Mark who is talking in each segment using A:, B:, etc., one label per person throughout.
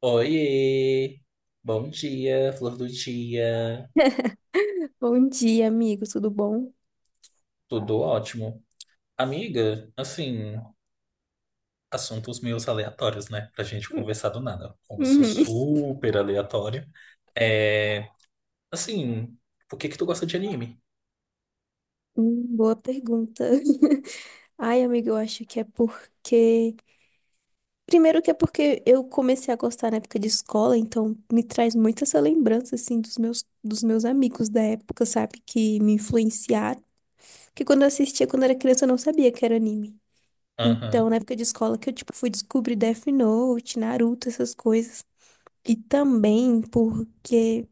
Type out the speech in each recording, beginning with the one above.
A: Oiê! Bom dia, flor do dia.
B: Bom dia, amigo, tudo bom?
A: Tudo ótimo. Amiga, assim, assuntos meio aleatórios, né? Pra gente
B: Hum.
A: conversar do nada. Como eu sou
B: Uhum.
A: super aleatório. É, assim, por que que tu gosta de anime?
B: Boa pergunta. Ai, amigo, eu acho que é porque. Primeiro que é porque eu comecei a gostar na época de escola, então me traz muito essa lembrança, assim, dos meus amigos da época, sabe? Que me influenciaram. Que quando eu assistia, quando era criança, eu não sabia que era anime.
A: Aham,
B: Então, na época de escola que eu, tipo, fui descobrir Death Note, Naruto, essas coisas. E também porque.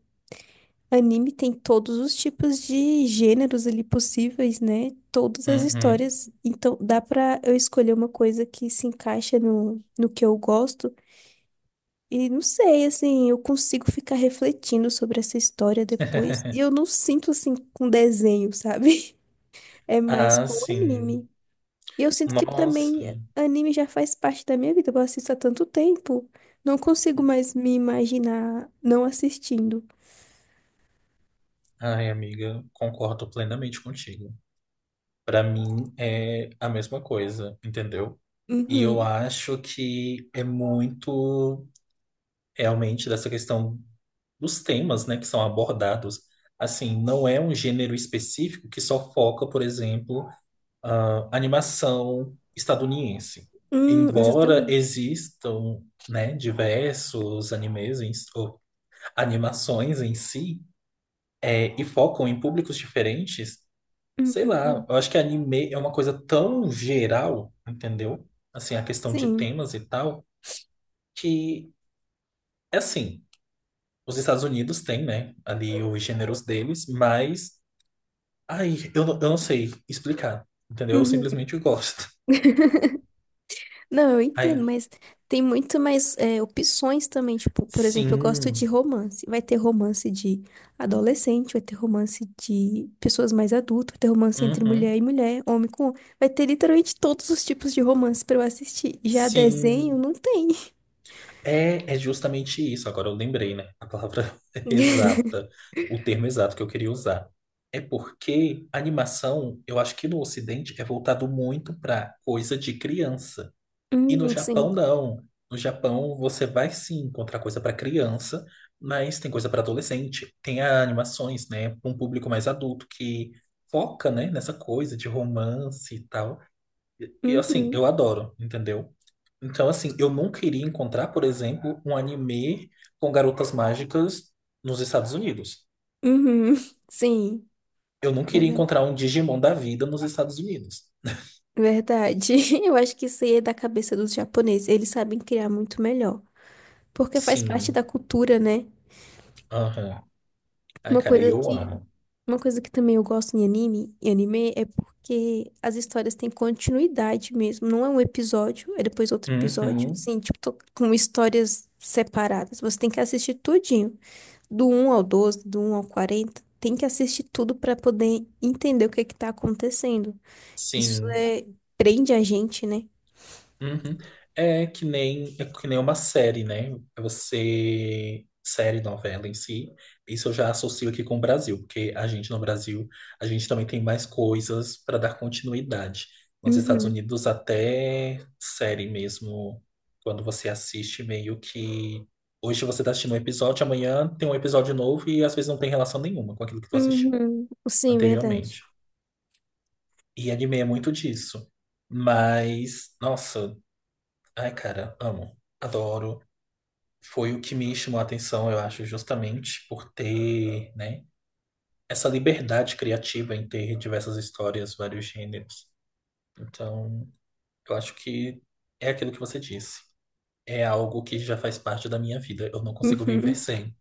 B: Anime tem todos os tipos de gêneros ali possíveis, né? Todas as
A: uhum.
B: histórias. Então, dá pra eu escolher uma coisa que se encaixa no que eu gosto. E não sei, assim, eu consigo ficar refletindo sobre essa história depois. E eu não sinto, assim, com desenho, sabe? É mais
A: Ah,
B: com
A: sim.
B: anime. E eu sinto que
A: Nossa.
B: também anime já faz parte da minha vida. Eu assisto há tanto tempo. Não consigo mais me imaginar não assistindo.
A: Ai, amiga, concordo plenamente contigo. Pra mim é a mesma coisa, entendeu? E eu
B: Uhum.
A: acho que é muito realmente dessa questão dos temas, né, que são abordados. Assim, não é um gênero específico que só foca, por exemplo, a animação estadunidense.
B: Hum,
A: Embora
B: exatamente.
A: existam, né, diversos animes em- ou animações em si, é, e focam em públicos diferentes, sei lá,
B: Uhum,
A: eu acho que anime é uma coisa tão geral, entendeu? Assim, a questão de
B: sim.
A: temas e tal, que é assim, os Estados Unidos têm, né, ali os gêneros deles, mas, ai, eu não sei explicar, entendeu? Eu
B: Uhum.
A: simplesmente gosto.
B: Não, eu
A: Ai,
B: entendo, mas tem muito mais opções também. Tipo, por exemplo, eu gosto de
A: sim,
B: romance. Vai ter romance de adolescente, vai ter romance de pessoas mais adultas, vai ter romance entre
A: uhum,
B: mulher e mulher, homem com homem. Vai ter literalmente todos os tipos de romance pra eu assistir. Já desenho,
A: sim,
B: não tem.
A: é, é justamente isso. Agora eu lembrei, né, a palavra exata, o termo exato que eu queria usar. É porque a animação, eu acho que no Ocidente é voltado muito para coisa de criança. E no
B: Uhum,
A: Japão,
B: sim.
A: não. No Japão, você vai sim encontrar coisa para criança, mas tem coisa para adolescente. Tem animações, né, para um público mais adulto que foca, né, nessa coisa de romance e tal. E assim,
B: Uhum,
A: eu adoro, entendeu? Então, assim, eu não queria encontrar, por exemplo, um anime com garotas mágicas nos Estados Unidos.
B: uhum, sim.
A: Eu não queria
B: Verda-
A: encontrar um Digimon da vida nos Estados Unidos.
B: Verdade. Eu acho que isso aí é da cabeça dos japoneses. Eles sabem criar muito melhor. Porque faz parte
A: Sim.
B: da cultura, né?
A: Aham. Ai,
B: Uma
A: cara, e
B: coisa
A: eu
B: que,
A: amo.
B: uma coisa que também eu gosto em anime é porque as histórias têm continuidade mesmo. Não é um episódio, é depois outro episódio.
A: Uhum.
B: Assim, tipo, tô com histórias separadas. Você tem que assistir tudinho. Do um ao 12, do um ao 40, tem que assistir tudo pra poder entender o que é que tá acontecendo. Isso
A: Sim.
B: prende a gente, né?
A: Uhum. É que nem uma série, né? Você. Série, novela em si. Isso eu já associo aqui com o Brasil, porque a gente no Brasil, a gente também tem mais coisas para dar continuidade. Nos Estados
B: Uhum.
A: Unidos, até série mesmo, quando você assiste, meio que. Hoje você está assistindo um episódio, amanhã tem um episódio novo e às vezes não tem relação nenhuma com aquilo que tu assistiu
B: Uhum. Sim, verdade.
A: anteriormente. E anime é muito disso. Mas, nossa. Ai, cara, amo, adoro. Foi o que me chamou a atenção, eu acho, justamente por ter, né, essa liberdade criativa em ter diversas histórias, vários gêneros. Então, eu acho que é aquilo que você disse. É algo que já faz parte da minha vida. Eu não consigo viver
B: Uhum.
A: sem.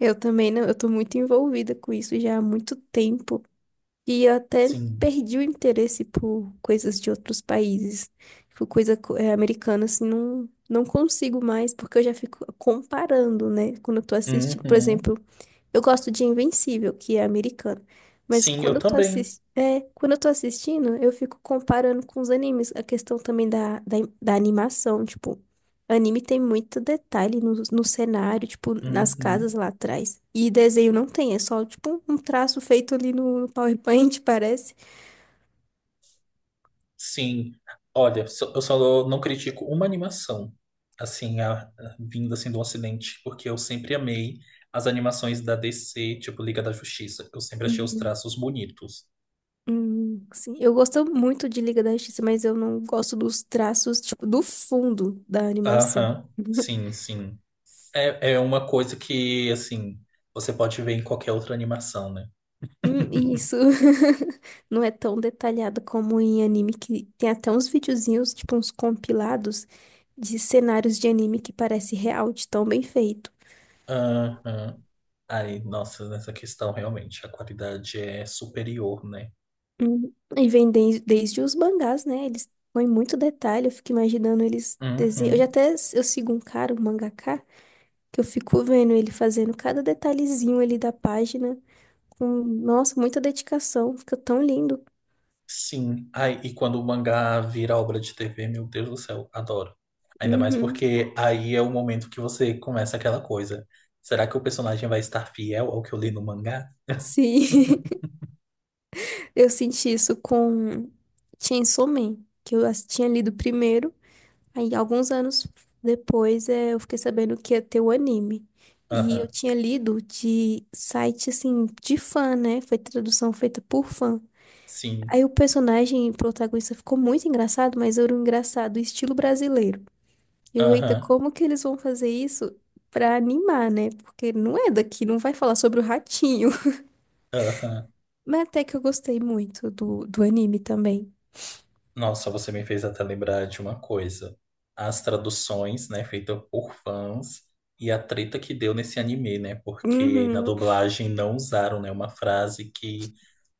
B: Eu também não, eu tô muito envolvida com isso já há muito tempo. E eu até
A: Sim.
B: perdi o interesse por coisas de outros países. Tipo, coisa americana, assim, não consigo mais, porque eu já fico comparando, né? Quando eu tô assistindo, por
A: Uhum.
B: exemplo. Eu gosto de Invencível, que é americano. Mas
A: Sim, eu
B: quando eu tô
A: também.
B: assistindo, eu fico comparando com os animes, a questão também da animação, tipo, anime tem muito detalhe no cenário, tipo, nas casas
A: Uhum.
B: lá atrás. E desenho não tem, é só, tipo, um traço feito ali no PowerPoint, parece.
A: Sim, olha, eu só não critico uma animação, assim, vinda assim do Ocidente, porque eu sempre amei as animações da DC, tipo Liga da Justiça. Eu sempre achei os
B: Uhum.
A: traços bonitos.
B: Sim, eu gosto muito de Liga da Justiça, mas eu não gosto dos traços, tipo, do fundo da animação.
A: Aham, sim, sim. É, é uma coisa que, assim, você pode ver em qualquer outra animação, né?
B: Isso. Não é tão detalhado como em anime que tem até uns videozinhos, tipo uns compilados de cenários de anime que parece real, de tão bem feito.
A: Aham. Aí, nossa, nessa questão, realmente, a qualidade é superior, né?
B: E vem desde os mangás, né? Eles põem muito detalhe, eu fico imaginando eles desenham. Eu já
A: Uhum.
B: até eu sigo um cara, um mangaka, que eu fico vendo ele fazendo cada detalhezinho ali da página com, nossa, muita dedicação, fica tão lindo.
A: Sim. Ai, e quando o mangá vira obra de TV, meu Deus do céu, adoro. Ainda mais
B: Uhum.
A: porque aí é o momento que você começa aquela coisa. Será que o personagem vai estar fiel ao que eu li no mangá?
B: Sim. Eu senti isso com Chainsaw Man, que eu tinha lido primeiro. Aí, alguns anos depois, eu fiquei sabendo que ia ter o anime. E eu
A: Aham,
B: tinha lido de site, assim, de fã, né? Foi tradução feita por fã.
A: sim.
B: Aí o personagem protagonista ficou muito engraçado, mas era um engraçado estilo brasileiro. Eita,
A: Aham,
B: como que eles vão fazer isso pra animar, né? Porque não é daqui, não vai falar sobre o ratinho.
A: aham.
B: Mas até que eu gostei muito do anime também.
A: Nossa, você me fez até lembrar de uma coisa. As traduções, né, feitas por fãs e a treta que deu nesse anime, né? Porque na
B: Uhum.
A: dublagem não usaram, né, uma frase que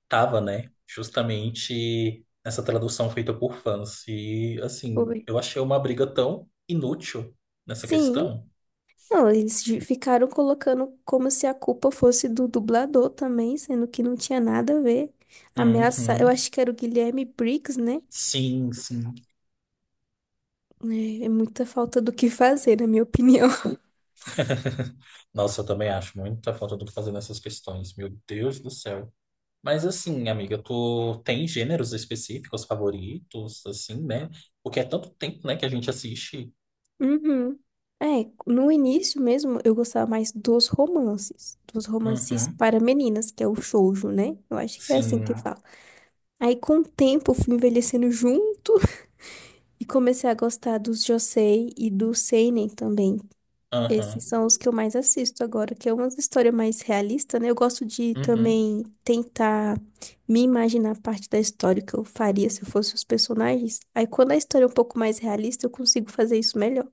A: tava, né? Justamente essa tradução feita por fãs. E, assim,
B: Foi.
A: eu achei uma briga tão inútil nessa
B: Sim.
A: questão.
B: Não, eles ficaram colocando como se a culpa fosse do dublador também, sendo que não tinha nada a ver. Ameaça, eu
A: Uhum.
B: acho que era o Guilherme Briggs, né?
A: Sim, sim.
B: É muita falta do que fazer, na minha opinião.
A: Nossa, eu também acho muita falta do que fazer nessas questões. Meu Deus do céu. Mas, assim, amiga, tu tem gêneros específicos favoritos, assim, né? Porque é tanto tempo, né, que a gente assiste.
B: Uhum. É, no início mesmo eu gostava mais dos romances,
A: Uhum.
B: para meninas, que é o shoujo, né? Eu acho que é assim
A: Sim.
B: que fala. Aí com o tempo eu fui envelhecendo junto e comecei a gostar dos josei e do seinen também.
A: Aham.
B: Esses são os que eu mais assisto agora, que é uma história mais realista, né? Eu gosto de
A: Uhum.
B: também tentar me imaginar parte da história que eu faria se eu fosse os personagens. Aí quando a história é um pouco mais realista, eu consigo fazer isso melhor.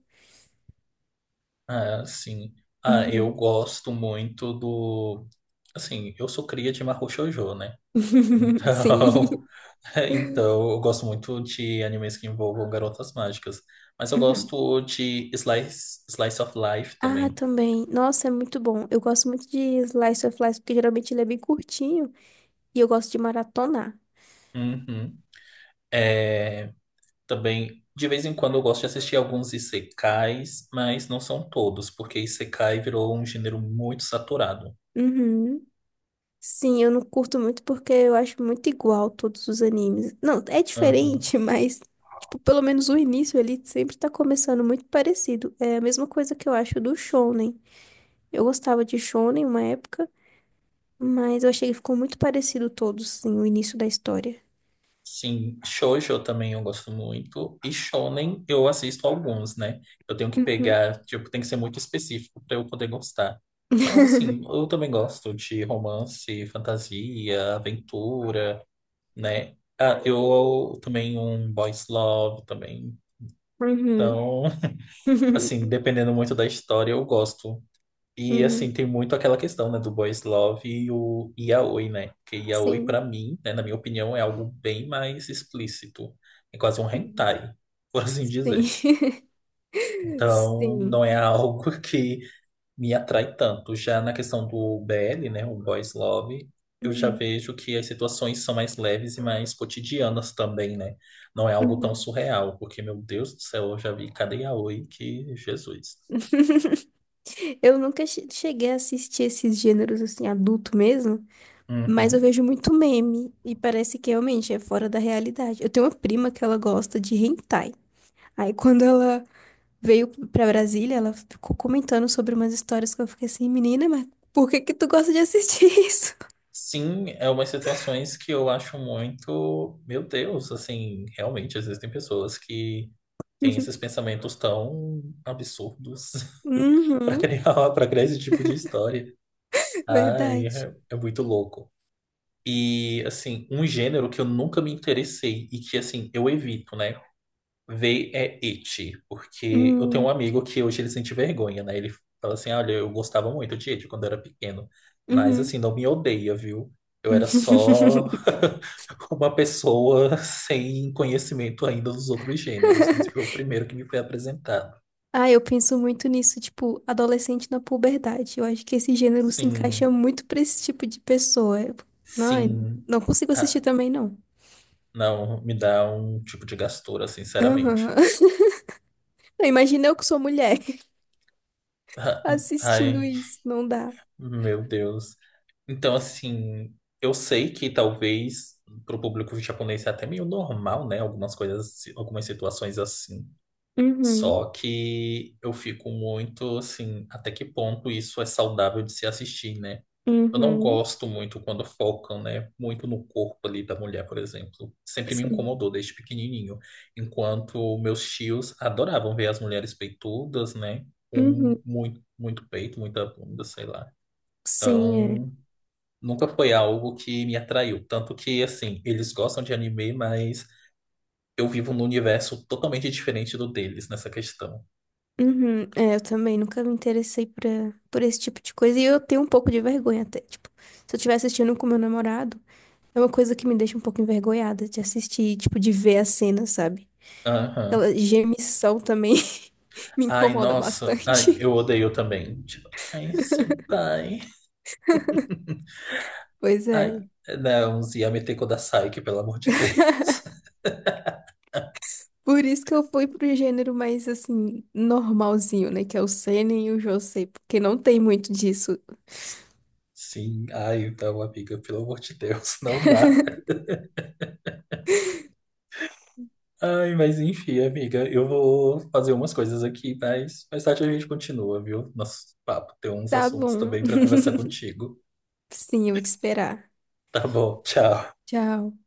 A: Ah, sim. Ah, eu
B: Uhum.
A: gosto muito do. Assim, eu sou cria de Mahou Shoujo, né? Então,
B: Sim.
A: então eu gosto muito de animes que envolvam garotas mágicas. Mas eu
B: Uhum.
A: gosto de Slice of Life
B: Ah,
A: também.
B: também. Nossa, é muito bom. Eu gosto muito de Slice of Life, porque geralmente ele é bem curtinho e eu gosto de maratonar.
A: Uhum. É, também, de vez em quando eu gosto de assistir alguns isekais, mas não são todos, porque isekai virou um gênero muito saturado.
B: Uhum. Sim, eu não curto muito porque eu acho muito igual todos os animes. Não, é
A: Uhum.
B: diferente, mas, tipo, pelo menos o início ali sempre tá começando muito parecido. É a mesma coisa que eu acho do Shonen. Eu gostava de Shonen uma época, mas eu achei que ficou muito parecido todos, sim, o início da história.
A: Sim, shoujo também eu gosto muito. E shonen eu assisto alguns, né? Eu tenho que
B: Uhum.
A: pegar, tipo, tem que ser muito específico para eu poder gostar. Mas assim, eu também gosto de romance, fantasia, aventura, né? Ah, eu também um boys love também.
B: Uhum.
A: Então, assim, dependendo muito da história, eu gosto. E
B: Uhum.
A: assim, tem muito aquela questão, né, do boys love e o yaoi, né? Porque yaoi, pra
B: Sim.
A: mim, né, na minha opinião, é algo bem mais explícito. É quase um
B: Uhum.
A: hentai, por assim
B: Sim.
A: dizer. Então, não
B: Sim.
A: é algo que me atrai tanto. Já na questão do BL, né, o boys love, eu já
B: Uhum.
A: vejo que as situações são mais leves e mais cotidianas também, né? Não é algo tão
B: Uhum.
A: surreal, porque, meu Deus do céu, eu já vi cada yaoi que Jesus.
B: Eu nunca cheguei a assistir esses gêneros assim, adulto mesmo, mas eu
A: Uhum.
B: vejo muito meme e parece que realmente é fora da realidade. Eu tenho uma prima que ela gosta de hentai. Aí quando ela veio pra Brasília, ela ficou comentando sobre umas histórias que eu fiquei assim, menina, mas por que que tu gosta de assistir isso?
A: Sim, é umas situações que eu acho muito, meu Deus, assim, realmente existem pessoas que têm esses pensamentos tão absurdos
B: Uhum,
A: para criar esse tipo de história. Ai,
B: verdade.
A: é, é muito louco. E assim, um gênero que eu nunca me interessei e que assim, eu evito, né? Vê é It, porque eu tenho um
B: Hum,
A: amigo que hoje ele sente vergonha, né? Ele fala assim: olha, eu gostava muito de It quando eu era pequeno, mas
B: uhum.
A: assim, não me odeia, viu? Eu era só uma pessoa sem conhecimento ainda dos outros gêneros. Esse foi o primeiro que me foi apresentado.
B: Ah, eu penso muito nisso, tipo, adolescente na puberdade. Eu acho que esse gênero se encaixa
A: Sim,
B: muito pra esse tipo de pessoa. Não,
A: sim.
B: não consigo assistir
A: Ah,
B: também, não.
A: não, me dá um tipo de gastura, sinceramente.
B: Aham. Imagina eu que sou mulher
A: Ah,
B: assistindo
A: Ai.
B: isso. Não dá.
A: Meu Deus. Então, assim, eu sei que talvez para o público japonês é até meio normal, né? Algumas coisas, algumas situações assim.
B: Uhum.
A: Só que eu fico muito assim, até que ponto isso é saudável de se assistir, né? Eu não
B: Uhum.
A: gosto muito quando focam, né? Muito no corpo ali da mulher, por exemplo. Sempre me
B: Sim.
A: incomodou desde pequenininho. Enquanto meus tios adoravam ver as mulheres peitudas, né?
B: Uhum.
A: Com muito, muito peito, muita bunda, sei lá.
B: Sim, é.
A: Então, nunca foi algo que me atraiu. Tanto que, assim, eles gostam de anime, mas eu vivo num universo totalmente diferente do deles nessa questão.
B: Uhum. É, eu também nunca me interessei por esse tipo de coisa. E eu tenho um pouco de vergonha até. Tipo, se eu estiver assistindo com meu namorado, é uma coisa que me deixa um pouco envergonhada de assistir, tipo, de ver a cena, sabe?
A: Aham.
B: Aquela gemição também me
A: Ai,
B: incomoda
A: nossa. Ai,
B: bastante.
A: eu odeio também. Tipo, ai, senpai.
B: Pois é,
A: Ai, não, Yamete Kodasai, que pelo amor de Deus.
B: por isso que eu fui pro gênero mais assim, normalzinho, né? Que é o seinen e o josei, porque não tem muito disso.
A: Sim, ai, então, amiga, pelo amor de Deus, não dá. Ai, mas enfim, amiga, eu vou fazer umas coisas aqui, mas mais tarde a gente continua, viu? Nosso papo, tem uns
B: Tá
A: assuntos
B: bom.
A: também para conversar contigo.
B: Sim, eu vou te esperar.
A: Tá bom, tchau.
B: Tchau.